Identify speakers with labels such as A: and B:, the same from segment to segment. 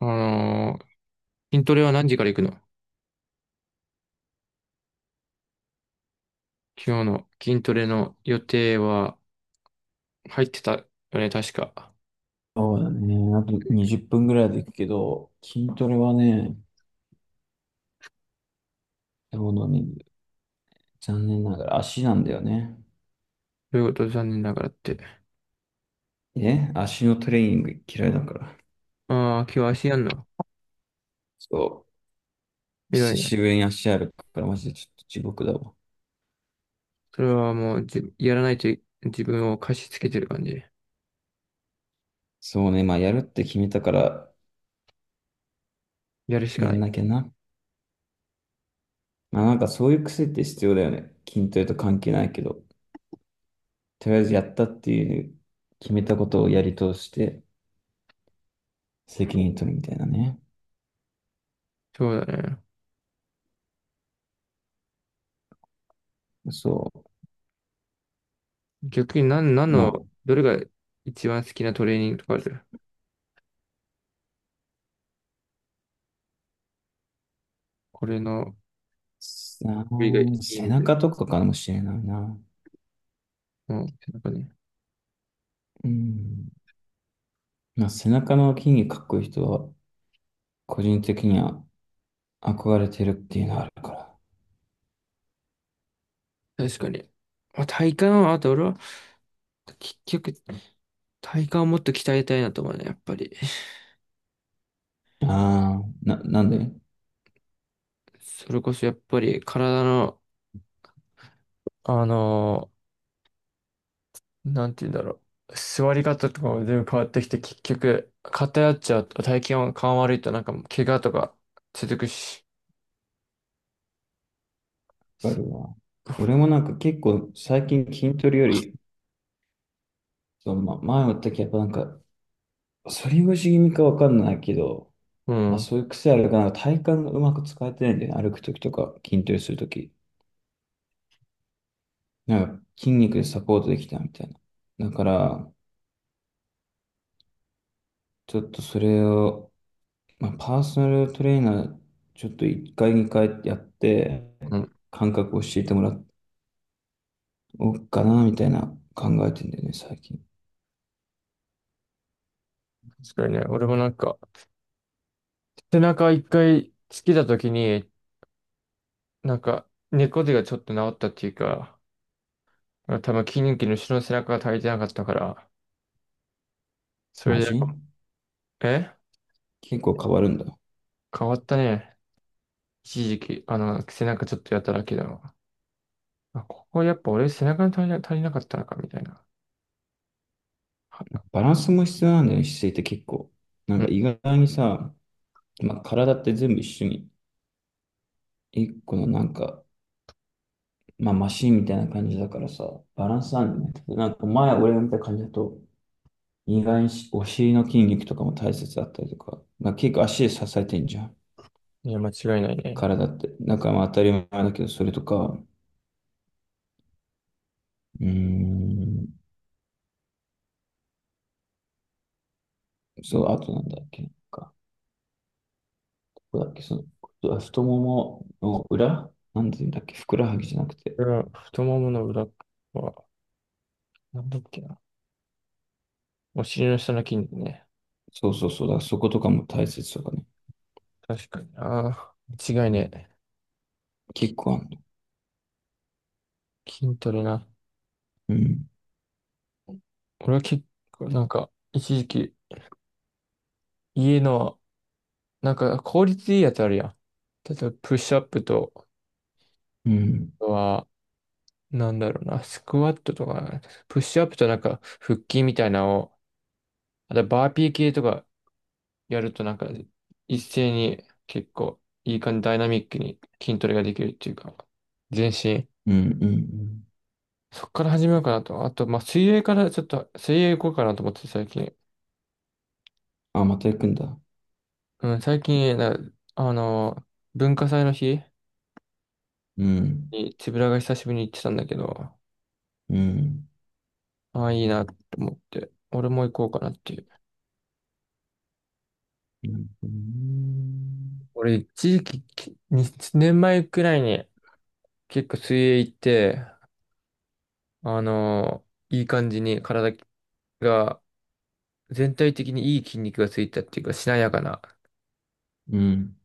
A: あのー筋トレは何時から行くの？今日の筋トレの予定は入ってたよね、確か。
B: そうだね。あと20分ぐらいで行くけど、筋トレはね、どうのね、残念ながら足なんだよね。
A: ということ残念ながらって。
B: え、足のトレーニング嫌いだから。
A: ああ、今日足やんの？
B: そう。
A: 偉
B: 久
A: いな。
B: しぶりに足あるから、マジでちょっと地獄だわ。
A: それはもうじ、やらないとい自分を貸し付けてる感じ。
B: そうね。まあ、やるって決めたから、
A: やるしか
B: や
A: な
B: ん
A: い。
B: なきゃな。まあ、なんかそういう癖って必要だよね。筋トレと関係ないけど、とりあえずやったっていう、決めたことをやり通して、責任取るみたいなね。
A: そうだね。
B: そ
A: 逆に何、何
B: う。ま
A: の、
B: あ、
A: どれが一番好きなトレーニングとかある？これの、
B: さあ、
A: これがいい
B: 背
A: みたい。
B: 中とかかもしれないな。
A: うん、なんかね。
B: うん。まあ、背中の筋肉かっこいい人は、個人的には憧れてるっていうのはあるか
A: 確かに。まあ、体幹は、あと俺は、結局、体幹をもっと鍛えたいなと思うね、やっぱり。
B: ら。ああ、なんで
A: それこそやっぱり体の、あのなんて言うんだろう。座り方とかも全部変わってきて、結局、偏っちゃうと、体験が感悪いと、なんか、怪我とか続くし。
B: あるわ。俺もなんか結構最近筋トレより、そう、ま、前も言ったけど、やっぱなんか、反り腰気味かわかんないけど、
A: う
B: まあ
A: ん。
B: そういう癖あるから、なんか体幹がうまく使えてないんだよね。歩くときとか、筋トレするとき。なんか筋肉でサポートできたみたいな。だから、ちょっとそれを、まあ、パーソナルトレーナー、ちょっと1回2回やって、
A: うん。
B: 感覚を教えてもらおうかな、みたいな考えてんだよね、最近。
A: 確かにね、俺もなんか、背中一回つけた時に、なんか、猫背がちょっと治ったっていうか、多分筋肉の後ろの背中が足りてなかったから、そ
B: マ
A: れで、
B: ジ
A: え
B: 結構変わるんだ。
A: 変わったね。一時期、あの、背中ちょっとやっただけだもん。あ、ここやっぱ俺背中に足りな、足りなかったのかみたいな。
B: バランスも必要なんだよね、姿勢って結構。なん
A: う
B: か
A: ん。
B: 意外にさ、まあ、体って全部一緒に、一個のなんか、まあ、マシンみたいな感じだからさ、バランスなんだよね。なんか前俺が見た感じだと、意外にしお尻の筋肉とかも大切だったりとか、まあ、結構足で支えてんじゃん。
A: いや、間違いない
B: か
A: ね。
B: らだって、なんかまあ当たり前だけど、それとか、うーん、そう、あとなんだっけ、なんか、ここだっけ、その、太ももの裏なんていうんだっけ、ふくらはぎじゃなくて、
A: これは太ももの裏は、なんだっけな。お尻の下の筋肉ね。
B: そうそうそう、だからそことかも大切とかね、
A: 確かにな。間違いねえ。き
B: 結構あるの。
A: 筋トレな。
B: うん、
A: 俺は結構なんか、一時期、家の、なんか効率いいやつあるやん。例えば、プッシュアップと、あ
B: うん、
A: とは、なんだろうな、スクワットとか、プッシュアップとなんか、腹筋みたいなのを、あとバーピー系とか、やるとなんか一斉に結構いい感じダイナミックに筋トレができるっていうか、全身。
B: うん、うん、うん。
A: そっから始めようかなと。あと、まあ、水泳からちょっと、水泳行こうかなと思って最近。
B: あ、また行くんだ。
A: うん、最近、なあの、文化祭の日
B: うん、
A: につぶらが久しぶりに行ってたんだけど、
B: うん、
A: ああ、いいなと思って、俺も行こうかなっていう。
B: うん、
A: 俺、一時期、きに年前くらいに結構水泳行って、あの、いい感じに体が全体的にいい筋肉がついたっていうか、しなやかな。
B: うん、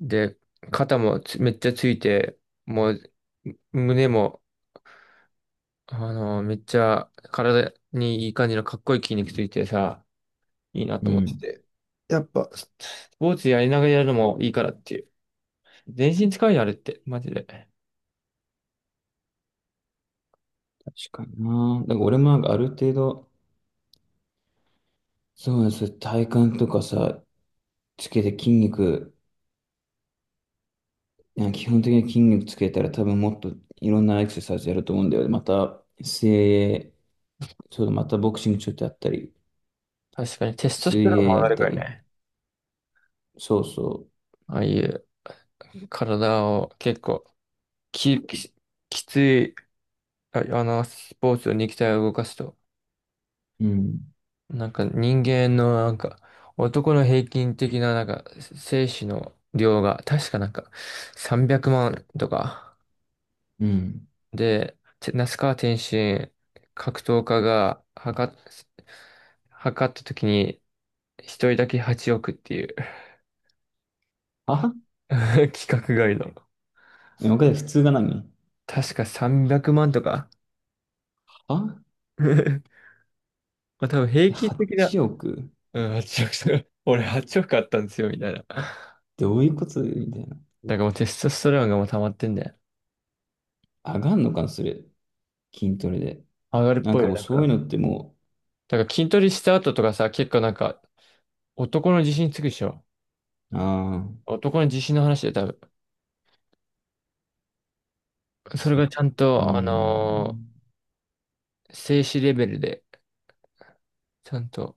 A: で、肩もつめっちゃついて、もう、胸も、あの、めっちゃ体にいい感じのかっこいい筋肉ついてさ、いいなと
B: う
A: 思って
B: ん。
A: て。やっぱ、ススポーツやりながらやるのもいいからっていう。全身使うよ、あれって。マジで。
B: 確かにな。だから俺もなんかある程度、そうです、体幹とかさ、つけて筋肉、いや基本的に筋肉つけたら多分もっといろんなエクササイズやると思うんだよね。また、水泳、そうだ、またボクシングちょっとやったり、
A: 確かに、テストステ
B: 水
A: ロン
B: 泳
A: も上
B: や
A: が
B: っ
A: るか
B: た
A: ら
B: り、
A: ね。
B: そうそ
A: ああいう体を結構き、き、きつい、あ、あの、スポーツの肉体を動かすと。
B: う。うん、
A: なんか人間のなんか男の平均的ななんか精子の量が確かなんか300万とか
B: うん。
A: で、て那須川天心格闘家が測っ、測った時に一人だけ8億っていう
B: は、
A: 規格外 の。
B: え、わかる普通が何
A: 確か300万とか
B: は？
A: まあ多分平均的な、
B: 8 億
A: うん、8億とか、俺8億あったんですよみたいな。
B: どういうことみたいな。
A: だからもうテストステロンがもう溜まってんだよ。
B: 上がんのかな、それ。筋トレで。
A: 上がるっ
B: なん
A: ぽい
B: か
A: よ、
B: もう
A: だか
B: そういう
A: ら。
B: のっても
A: だから筋トレした後とかさ、結構なんか、男の自信つくでしょ。
B: う、ああ、
A: 男の自信の話で多分。それ
B: そ、
A: がちゃん
B: ー
A: と、
B: ん。
A: 静止レベルで、ちゃんと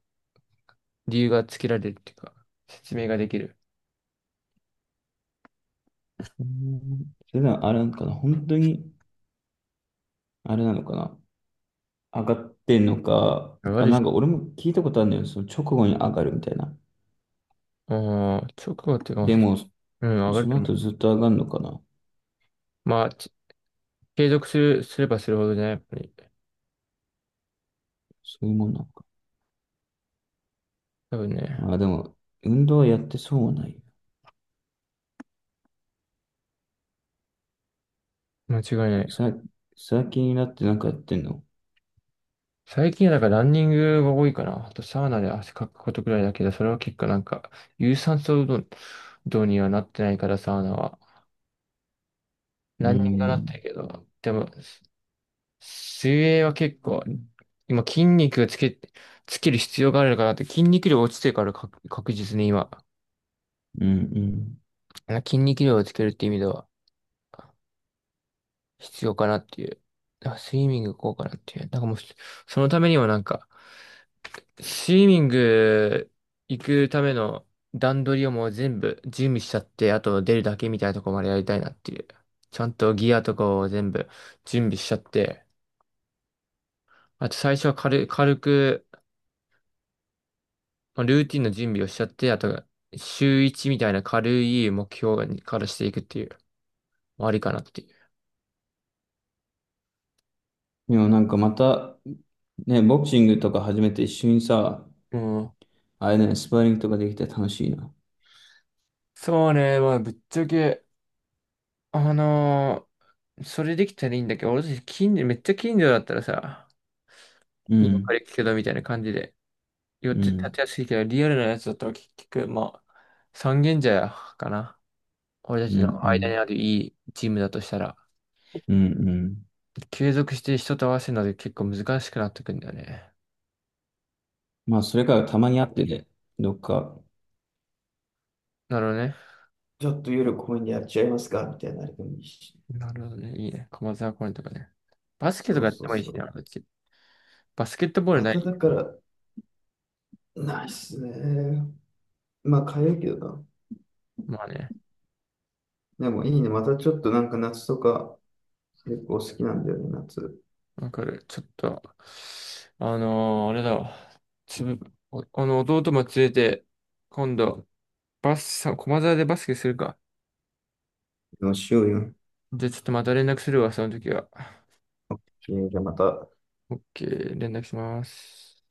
A: 理由がつけられるっていうか、説明ができる。
B: うんそれならあれなのかな本当に、あれなのかな上がってんのか、
A: 上が
B: あ、
A: る
B: な
A: し、
B: んか俺も聞いたことあるんだよ。その直後に上がるみたいな。
A: ああ、直後っていうか、
B: でも、
A: うん、上が
B: そ
A: る
B: の
A: と思う。
B: 後ずっと上がるのかな。
A: まあ、ち継続する、すればするほどね、やっぱり。
B: そういうもんなのか。
A: 多分ね、
B: まあでも、運動はやってそうはないよ。
A: 間違いないよ。
B: さ、最近になってなんかやってんの？
A: 最近はだからランニングが多いかな。あとサウナで汗かくことくらいだけど、それは結構なんか、有酸素運動にはなってないから、サウナは。
B: う
A: ラ
B: ー
A: ンニングだっ
B: ん、
A: たけど、でも、水泳は結構、今筋肉つけ、つける必要があるのかなって、筋肉量落ちてるから確、確実に今、
B: うん、うん。
A: 筋肉量をつけるって意味では必要かなっていう。だからスイミング行こうかなっていう。だからもう、そのためにもなんか、スイミング行くための段取りをもう全部準備しちゃって、あと出るだけみたいなとこまでやりたいなっていう。ちゃんとギアとかを全部準備しちゃって、あと最初は軽、軽く、まあ、ルーティンの準備をしちゃって、あと、週1みたいな軽い目標にからしていくっていう、まあありかなってい
B: でもなんかまた、ね、ボクシングとか始めて一緒にさ、
A: う。うん。
B: あれね、スパーリングとかできて楽しいな。
A: そうね、まあ、ぶっちゃけ、あのそれできたらいいんだけど、俺たち近所、めっちゃ近所だったらさ、
B: う
A: 今か
B: ん、
A: ら行くけどみたいな感じで、よっ
B: う
A: て立
B: ん、
A: てやすいけど、リアルなやつだったら結局、まあ、三軒茶屋かな。俺た
B: う
A: ち
B: ん、
A: の
B: う
A: 間に
B: ん、
A: あるいいチームだとしたら、
B: うん、うん。
A: 継続して人と合わせるので結構難しくなってくんだよね。
B: まあそれからたまに会ってね、どっか、
A: なるほどね。
B: ちょっと夜公園でやっちゃいますかみたいなあれでもいいし。
A: なるほどね。いいね。駒沢公園とかね。バスケと
B: そ
A: か
B: う
A: やっ
B: そ
A: て
B: う
A: もいいし
B: そ
A: ね、
B: う。
A: こっち。バスケットボール
B: ま
A: な
B: ただ
A: い？
B: から、ないっすね。まあ、かゆいけど
A: まあね。
B: な。でもいいね。またちょっとなんか夏とか結構好きなんだよね、夏。
A: わかる。ちょっと、あれだわ。つぶ、おあの、弟も連れて、今度、バスさ、駒沢でバスケするか。
B: でもしようよ。
A: じゃあちょっとまた連絡するわ、その時は。
B: えーじゃあまた。
A: オッケー、連絡します。